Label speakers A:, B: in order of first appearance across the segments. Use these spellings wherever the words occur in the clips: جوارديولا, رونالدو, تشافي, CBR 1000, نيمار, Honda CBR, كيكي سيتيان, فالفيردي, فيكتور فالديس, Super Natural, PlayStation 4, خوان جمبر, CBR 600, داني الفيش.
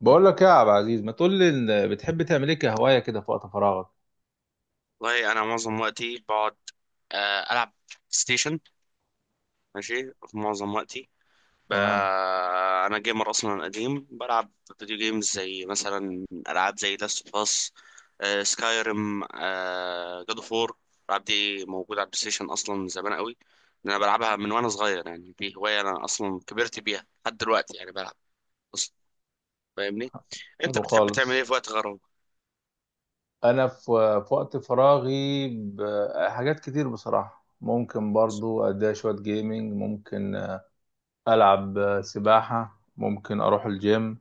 A: بقول لك يا عبد العزيز، ما تقول لي إن بتحب تعمل ايه كهوايه كده في وقت فراغك؟
B: والله انا معظم وقتي بقعد. العب ستيشن. ماشي، في معظم وقتي. ب...
A: تمام.
B: انا جيمر اصلا قديم، بلعب فيديو جيمز زي مثلا العاب زي لاست اوف اس، سكايريم، جاد اوف وور. الالعاب دي موجوده على البلاي ستيشن اصلا من زمان قوي. انا بلعبها من وانا صغير، يعني دي هوايه انا اصلا كبرت بيها لحد دلوقتي، يعني بلعب اصلا. فاهمني؟ انت
A: حلو
B: بتحب تعمل ايه
A: خالص.
B: في وقت غرامه؟
A: انا في وقت فراغي، حاجات كتير بصراحه، ممكن برضو اديها شويه جيمنج، ممكن العب سباحه، ممكن اروح الجيم.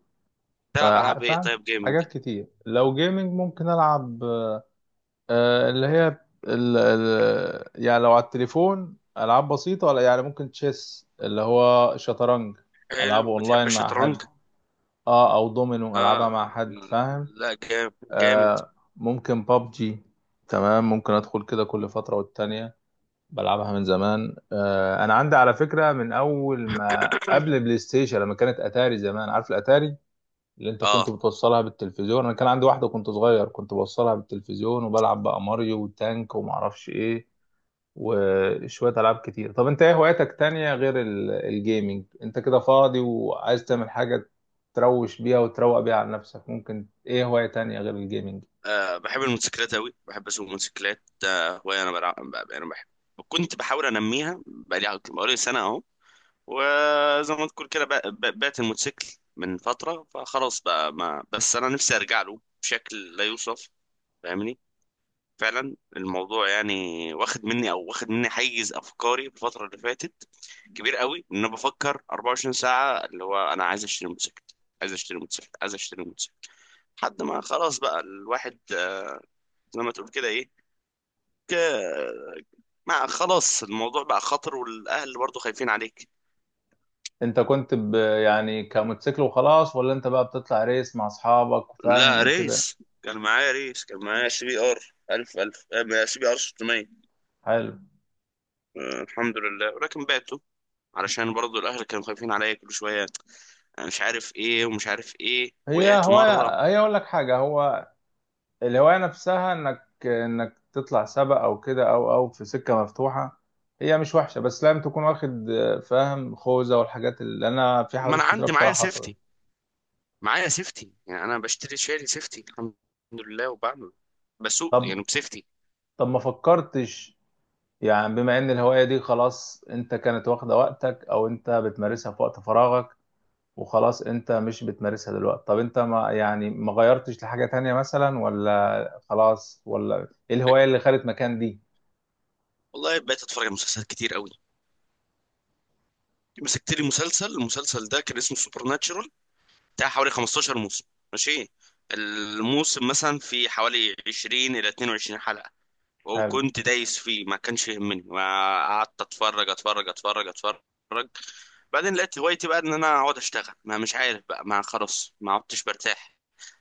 B: تلعب العاب ايه
A: فاهم.
B: طيب، جيمنج؟
A: حاجات كتير، لو جيمنج ممكن العب. اللي هي ال ال يعني لو على التليفون العاب بسيطه، ولا يعني ممكن تشيس اللي هو شطرنج. العبه
B: حلو، بتحب
A: اونلاين مع
B: الشطرنج؟
A: حد. اه او دومينو،
B: آه
A: العبها مع
B: آه،
A: حد، فاهم.
B: لا جامد. جامد.
A: ممكن بابجي. تمام، ممكن ادخل كده كل فتره والتانيه، بلعبها من زمان. انا عندي على فكره من اول ما قبل بلاي ستيشن، لما كانت اتاري زمان. عارف الاتاري اللي انت كنت
B: آه.
A: بتوصلها بالتلفزيون؟ انا كان عندي واحده، كنت صغير، كنت بوصلها بالتلفزيون وبلعب بقى ماريو وتانك وما اعرفش ايه وشوية ألعاب كتير. طب أنت إيه هواياتك تانية غير الجيمنج؟ أنت كده فاضي وعايز تعمل حاجة تروش بيها وتروق بيها على نفسك، ممكن إيه هواية تانية غير الجيمنج؟
B: اه، بحب الموتوسيكلات أوي، بحب أسوق موتوسيكلات. آه هواية. أنا بحب، كنت بحاول أنميها بقالي سنة أهو. وزي ما تقول كده، بعت الموتوسيكل من فترة، فخلاص بقى، ما بس أنا نفسي أرجع له بشكل لا يوصف. فاهمني؟ فعلا الموضوع يعني واخد مني حيز أفكاري في الفترة اللي فاتت كبير قوي. ان انا بفكر 24 ساعه اللي هو انا عايز اشتري موتوسيكل، عايز اشتري موتوسيكل، عايز اشتري موتوسيكل، لحد ما خلاص بقى الواحد. زي ما تقول كده، ايه ك- ما خلاص، الموضوع بقى خطر، والاهل برضو خايفين عليك.
A: أنت كنت يعني كموتوسيكل وخلاص، ولا أنت بقى بتطلع ريس مع أصحابك وفاهم
B: لا
A: وكده؟
B: ريس، كان معايا سي بي ار 1000، 1000 سي بي ار 600.
A: حلو.
B: الحمد لله، ولكن بعته علشان برضو الاهل كانوا خايفين عليا كل شويه. أنا مش عارف ايه ومش عارف ايه،
A: هي
B: وقعت مره.
A: هواية، هي أقول لك حاجة، هو الهواية نفسها إنك تطلع سباق أو كده، أو في سكة مفتوحة، هي مش وحشة، بس لازم تكون واخد فاهم، خوذة والحاجات، اللي أنا في
B: ما انا
A: حوادث كتيرة
B: عندي معايا
A: بصراحة حصلت.
B: سيفتي، معايا سيفتي، يعني انا بشتري شاري سيفتي الحمد لله، وبعمل بسوق
A: طب
B: يعني بسيفتي.
A: طب ما فكرتش، يعني بما ان الهواية دي خلاص، انت كانت واخدة وقتك او انت بتمارسها في وقت فراغك، وخلاص انت مش بتمارسها دلوقتي. طب انت ما يعني، ما غيرتش لحاجة تانية مثلا، ولا خلاص، ولا ايه الهواية اللي خدت مكان دي؟
B: والله بقيت اتفرج على مسلسلات كتير قوي. مسكت لي مسلسل، المسلسل ده كان اسمه سوبر ناتشورال، بتاع حوالي 15 موسم. ماشي، الموسم مثلا في حوالي 20 الى 22 حلقة.
A: حلو.
B: وكنت دايس فيه، ما كانش يهمني. ما قعدت اتفرج اتفرج اتفرج اتفرج. بعدين لقيت هوايتي بقى ان انا اقعد اشتغل، ما مش عارف بقى، ما خلاص ما عدتش برتاح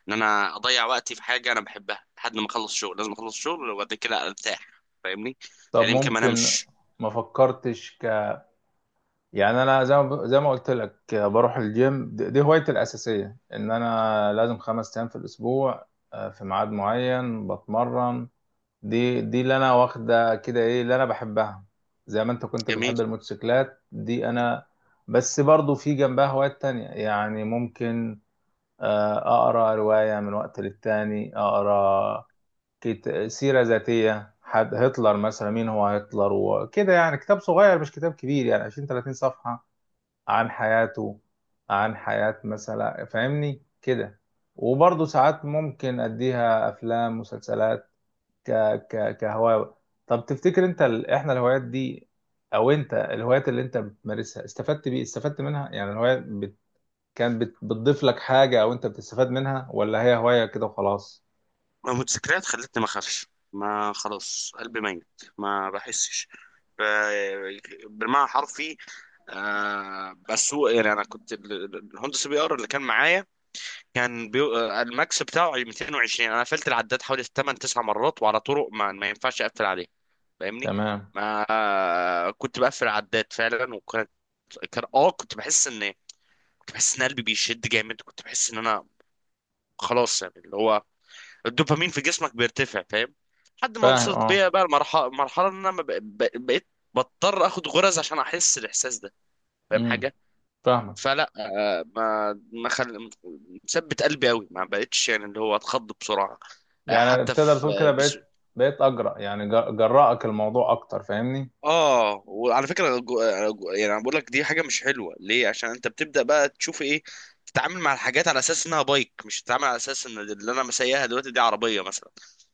B: ان انا اضيع وقتي في حاجة انا بحبها، لحد ما اخلص شغل. لازم اخلص شغل وبعد كده ارتاح. فاهمني؟
A: طب
B: يعني يمكن ما
A: ممكن،
B: انامش.
A: ما فكرتش يعني؟ انا، زي ما قلت لك، بروح الجيم، دي هوايتي الأساسية، ان انا لازم 5 ايام في الاسبوع، في ميعاد معين بتمرن، دي اللي انا واخده كده. ايه اللي انا بحبها؟ زي ما انت كنت
B: جميل.
A: بتحب الموتوسيكلات دي، انا. بس برضو في جنبها هوايات تانية يعني، ممكن اقرا رواية من وقت للتاني، اقرا سيرة ذاتية حد، هتلر مثلا، مين هو هتلر وكده، يعني كتاب صغير مش كتاب كبير، يعني 20 30 صفحة، عن حياته، عن حياة مثلا، فاهمني كده. وبرضه ساعات ممكن اديها افلام مسلسلات ك ك كهواية. طب تفتكر انت احنا الهوايات دي، او انت الهوايات اللي انت بتمارسها، استفدت منها، يعني الهواية كانت بتضيف لك حاجة، او انت بتستفاد منها، ولا هي هواية كده وخلاص؟
B: المتذكرات خلتني ما اخافش، ما خلاص قلبي ميت، ما بحسش ب- بالمعنى حرفي. آه، بس هو يعني انا كنت الهوندا سي بي ار اللي كان معايا، الماكس بتاعه 220. انا قفلت العداد حوالي 8 9 مرات، وعلى طرق ما ينفعش اقفل عليه. فاهمني؟
A: تمام.
B: ما آه، كنت بقفل العداد فعلا. وكانت، كان كنت بحس ان، كنت بحس ان قلبي بيشد جامد. كنت بحس ان انا خلاص، يعني اللي هو الدوبامين في جسمك بيرتفع. فاهم؟ لحد ما
A: فاهم.
B: وصلت
A: اه.
B: بيا بقى المرحله، مرحله ان انا ما بق- بق- بقيت بضطر اخد غرز عشان احس الاحساس ده. فاهم
A: امم
B: حاجه؟
A: فاهمك.
B: فلا آه، ما ما خل... مثبت قلبي قوي، ما بقتش يعني اللي هو اتخض بسرعه.
A: يعني
B: حتى
A: تقدر
B: في،
A: تقول كده بقيت اجرأ، يعني جرأك الموضوع اكتر، فاهمني؟
B: اه وعلى فكره يعني انا بقول لك دي حاجه مش حلوه ليه؟ عشان انت بتبدا بقى تشوف ايه، تتعامل مع الحاجات على اساس انها بايك، مش تتعامل على اساس ان اللي انا مسيها دلوقتي دي عربيه مثلا.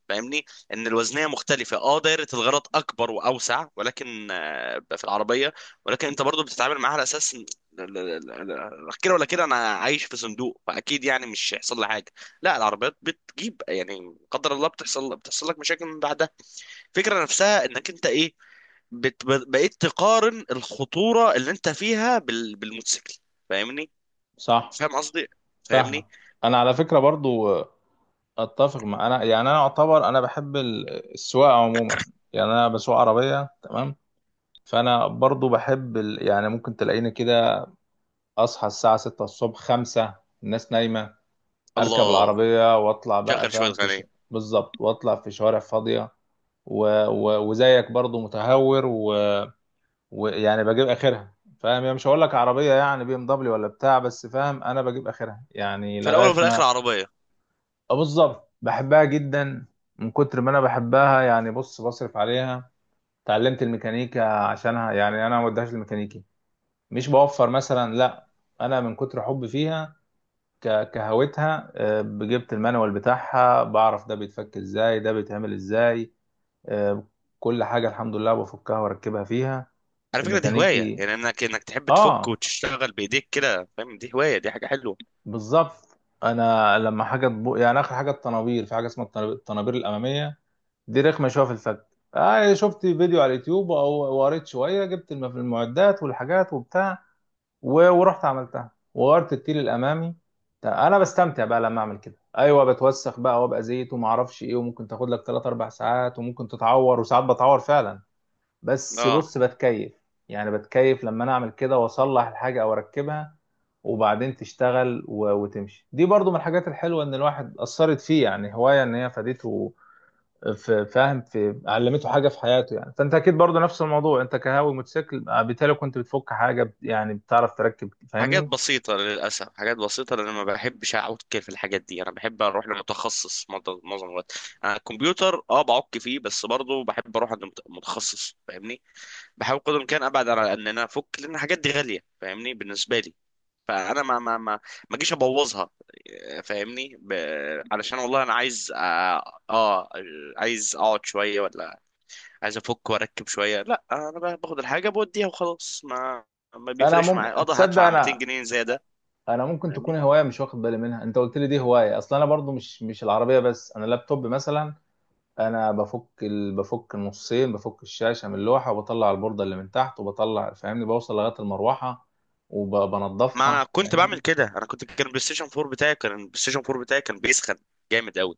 B: فاهمني؟ ان الوزنيه مختلفه، اه دايره الغلط اكبر واوسع، ولكن في العربيه، ولكن انت برضو بتتعامل معاها على اساس لا، كده ولا كده انا عايش في صندوق، فاكيد يعني مش هيحصل لي حاجه. لا، العربيات بتجيب يعني قدر الله، بتحصل، بتحصل لك مشاكل من بعدها. الفكره نفسها انك انت ايه، بقيت تقارن الخطورة اللي انت فيها بالموتوسيكل. فاهمني؟
A: صح.
B: فاهم قصدي؟
A: فاهمك.
B: فاهمني؟
A: انا على فكرة برضو اتفق مع، انا يعني انا اعتبر انا بحب السواقة عموما، يعني انا بسوق عربية تمام. فانا برضو بحب يعني ممكن تلاقيني كده، اصحى الساعه 6 الصبح، 5، الناس نايمه، اركب
B: الله،
A: العربيه واطلع بقى،
B: شغل شوية
A: فاهم
B: غنية.
A: بالظبط، واطلع في شوارع فاضيه، وزيك برضو متهور، ويعني بجيب اخرها، فاهم يعني، مش هقول لك عربيه يعني BMW ولا بتاع، بس فاهم انا بجيب اخرها يعني
B: في الأول
A: لغايه
B: وفي الآخر
A: ما.
B: عربية.
A: آه بالظبط، بحبها جدا. من كتر ما انا بحبها، يعني بص، بصرف عليها، اتعلمت الميكانيكا عشانها، يعني انا ما وديهاش الميكانيكي، مش بوفر مثلا، لا، انا من كتر حبي فيها، كهوتها، جبت المانوال بتاعها، بعرف ده بيتفك ازاي، ده بيتعمل ازاي. آه، كل حاجة الحمد لله بفكها واركبها فيها.
B: على فكرة دي هواية،
A: الميكانيكي،
B: يعني انك انك تحب تفك
A: اه
B: وتشتغل بإيديك كده، فاهم؟ دي هواية، دي حاجة حلوة.
A: بالظبط. انا لما حاجة يعني اخر حاجة الطنابير، في حاجة اسمها الطنابير الامامية، دي رخمة شوية في الفك. شفت فيديو على اليوتيوب او وقريت شوية، جبت المعدات والحاجات وبتاع، ورحت عملتها، وغيرت التيل الامامي. انا بستمتع بقى لما اعمل كده. ايوه بتوسخ بقى وابقى زيت وما اعرفش ايه، وممكن تاخد لك 3 4 ساعات، وممكن تتعور، وساعات بتعور فعلا، بس
B: اه،
A: بص بتكيف، يعني بتكيف لما انا اعمل كده واصلح الحاجه او اركبها، وبعدين تشتغل وتمشي. دي برضو من الحاجات الحلوه، ان الواحد اثرت فيه يعني هوايه، ان هي فادته في، فاهم، في علمته حاجه في حياته يعني. فانت اكيد برضو نفس الموضوع، انت كهاوي موتوسيكل، بالتالي كنت بتفك حاجه، يعني بتعرف تركب،
B: حاجات
A: فاهمني.
B: بسيطة للأسف، حاجات بسيطة، لأن ما بحبش أعك في الحاجات دي. أنا بحب أروح لمتخصص معظم الوقت. أنا الكمبيوتر أه بعك فيه، بس برضه بحب أروح عند متخصص. فاهمني؟ بحاول قدر الامكان ابعد على ان انا افك، لان الحاجات دي غاليه فاهمني، بالنسبه لي. فانا ما اجيش ابوظها. فاهمني؟ علشان، والله انا عايز عايز اقعد شويه، ولا عايز افك واركب شويه؟ لا، انا باخد الحاجه بوديها وخلاص. ما
A: فانا
B: بيفرقش معايا، اقدر
A: تصدق؟
B: هدفع 200
A: انا
B: جنيه زياده.
A: انا ممكن تكون
B: فاهمني؟
A: هوايه مش واخد بالي منها. انت قلت لي دي هوايه اصلا. انا برضو مش العربيه بس، انا اللابتوب مثلا، انا بفك بفك النصين، بفك الشاشه من اللوحه، وبطلع البورده اللي من تحت، وبطلع فاهمني، بوصل لغايه المروحه
B: ما انا
A: وبنضفها،
B: كنت بعمل
A: فاهمني.
B: كده. انا كنت، كان البلاي ستيشن 4 بتاعي كان بيسخن جامد قوي.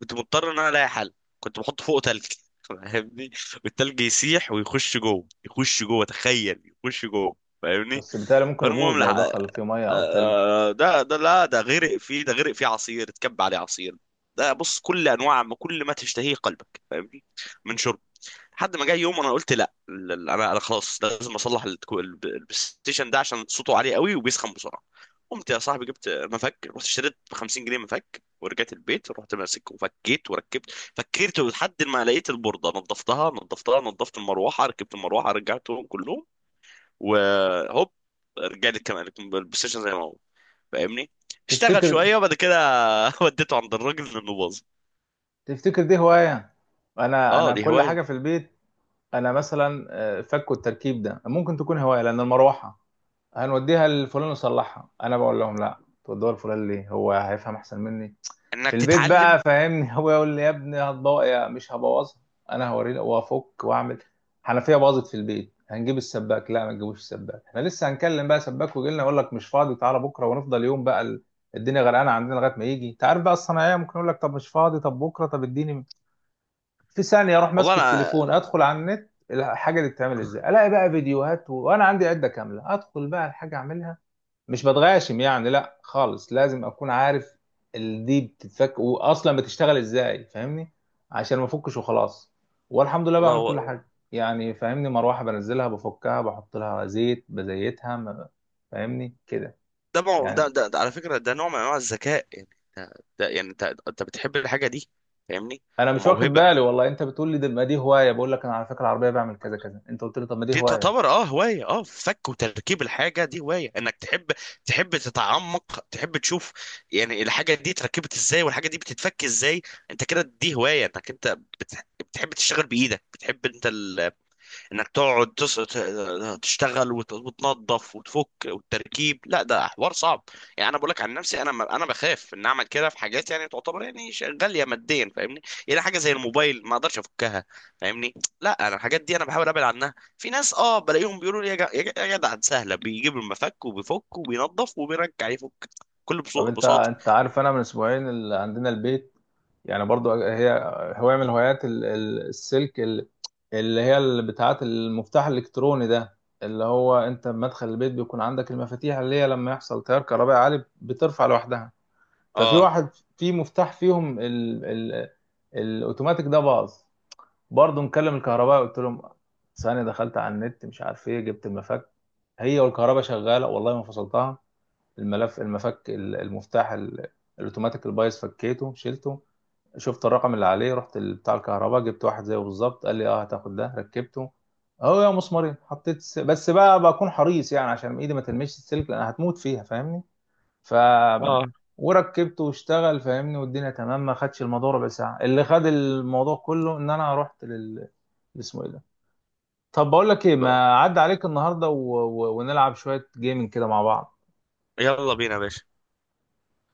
B: كنت مضطر ان انا الاقي حل. كنت بحط فوقه تلج. فاهمني؟ والتلج يسيح ويخش جوه، يخش جوه تخيل، يخش جوه. فاهمني؟
A: بس بالتالي ممكن
B: فالمهم
A: يبوظ
B: لح...
A: لو
B: آه،
A: دخل فيه ميه او تلج.
B: آه، ده، لا، ده غرق فيه، ده غرق فيه عصير، اتكب عليه عصير. ده بص، كل انواع ما كل ما تشتهيه قلبك، فاهمني؟ من، لحد ما جه يوم انا قلت لا انا خلاص لازم اصلح البلاي ستيشن ده، عشان صوته عالي قوي وبيسخن بسرعه. قمت يا صاحبي جبت مفك، رحت اشتريت ب 50 جنيه مفك، ورجعت البيت رحت ماسك وفكيت وركبت. فكرت لحد ما لقيت البورده، نظفتها، نظفت المروحه، ركبت المروحه، رجعتهم كلهم، وهوب، رجع لي كمان البلاي ستيشن زي ما هو. فاهمني؟ اشتغل
A: تفتكر
B: شويه، وبعد كده وديته عند الراجل لانه باظ.
A: تفتكر دي هواية يعني؟ انا
B: اه،
A: انا
B: دي
A: كل
B: هوايه،
A: حاجة في البيت، انا مثلا فك التركيب ده ممكن تكون هواية، لان المروحة هنوديها لفلان يصلحها، انا بقول لهم لا، تودوها لفلان ليه، هو هيفهم احسن مني
B: انك
A: في البيت بقى،
B: تتعلم.
A: فاهمني؟ هو يقول لي يا ابني هتبوظ، يا مش هبوظها، انا هوريه وافك واعمل. حنفية باظت في البيت هنجيب السباك، لا، ما تجيبوش السباك، احنا لسه هنكلم بقى سباك ويجي لنا يقول لك مش فاضي، تعالى بكره، ونفضل يوم بقى الدنيا غرقانه عندنا لغايه ما يجي. انت عارف بقى الصناعيه، ممكن يقول لك طب مش فاضي، طب بكره، طب اديني في ثانيه، اروح
B: والله
A: ماسك
B: انا،
A: التليفون، ادخل على النت، الحاجه دي بتتعمل ازاي، الاقي بقى فيديوهات، وانا عندي عده كامله، ادخل بقى الحاجه اعملها. مش بتغاشم يعني، لا خالص، لازم اكون عارف دي بتتفك واصلا بتشتغل ازاي، فاهمني، عشان ما افكش وخلاص. والحمد لله بعمل كل
B: والله،
A: حاجه يعني، فاهمني، مروحه بنزلها بفكها، بحط لها زيت بزيتها، فاهمني كده. يعني
B: ده على فكرة ده نوع من انواع الذكاء، يعني ده, ده، يعني انت، انت بتحب الحاجة دي، فاهمني؟
A: انا مش واخد
B: وموهبة.
A: بالي، والله انت بتقول لي ده، ما دي هوايه، بقول لك انا على فكره العربيه بعمل كذا كذا، انت قلت لي طب ما دي
B: دي
A: هوايه.
B: تعتبر اه هواية، اه فك وتركيب. الحاجة دي هواية، انك تحب، تحب تتعمق، تحب تشوف يعني الحاجة دي اتركبت ازاي، والحاجة دي بتتفك ازاي. انت كده، دي هواية انك انت بتحب تشتغل بإيدك، بتحب انت انك تقعد تشتغل، وتنظف وتفك والتركيب. لا، ده حوار صعب. يعني انا بقول لك عن نفسي، انا انا بخاف ان اعمل كده في حاجات يعني تعتبر يعني غاليه ماديا، فاهمني؟ يعني حاجه زي الموبايل ما اقدرش افكها. فاهمني؟ لا، انا الحاجات دي انا بحاول ابعد عنها. في ناس اه بلاقيهم بيقولوا لي يا يا جدع دي سهله، بيجيب المفك وبيفك وبينظف وبيرجع يفك كل
A: طب انت
B: بساطه.
A: انت عارف، انا من اسبوعين اللي عندنا البيت، يعني برضو هي هواية، من هوايات السلك، اللي هي، اللي بتاعت المفتاح الالكتروني ده، اللي هو انت بمدخل البيت بيكون عندك المفاتيح اللي هي لما يحصل تيار كهربائي عالي بترفع لوحدها. ففي
B: اه
A: واحد، في مفتاح فيهم ال الاوتوماتيك ده باظ، برضو مكلم الكهرباء قلت لهم، ثانية دخلت على النت مش عارف ايه، جبت المفك، هي والكهرباء شغالة والله ما فصلتها، الملف المفك المفتاح الاوتوماتيك البايظ فكيته شلته، شفت الرقم اللي عليه، رحت بتاع الكهرباء، جبت واحد زيه بالظبط، قال لي اه هتاخد ده، ركبته اهو يا مسمارين، حطيت بس بقى بكون حريص يعني، عشان ايدي ما تلمسش السلك لان هتموت فيها، فاهمني. ف
B: اه،
A: وركبته واشتغل، فاهمني، والدنيا تمام، ما خدش الموضوع ربع ساعه. اللي خد الموضوع كله ان انا رحت اسمه ايه ده؟ طب بقول لك ايه، ما عدى عليك النهارده ونلعب شويه جيمنج كده مع بعض.
B: يلا بينا يا باشا.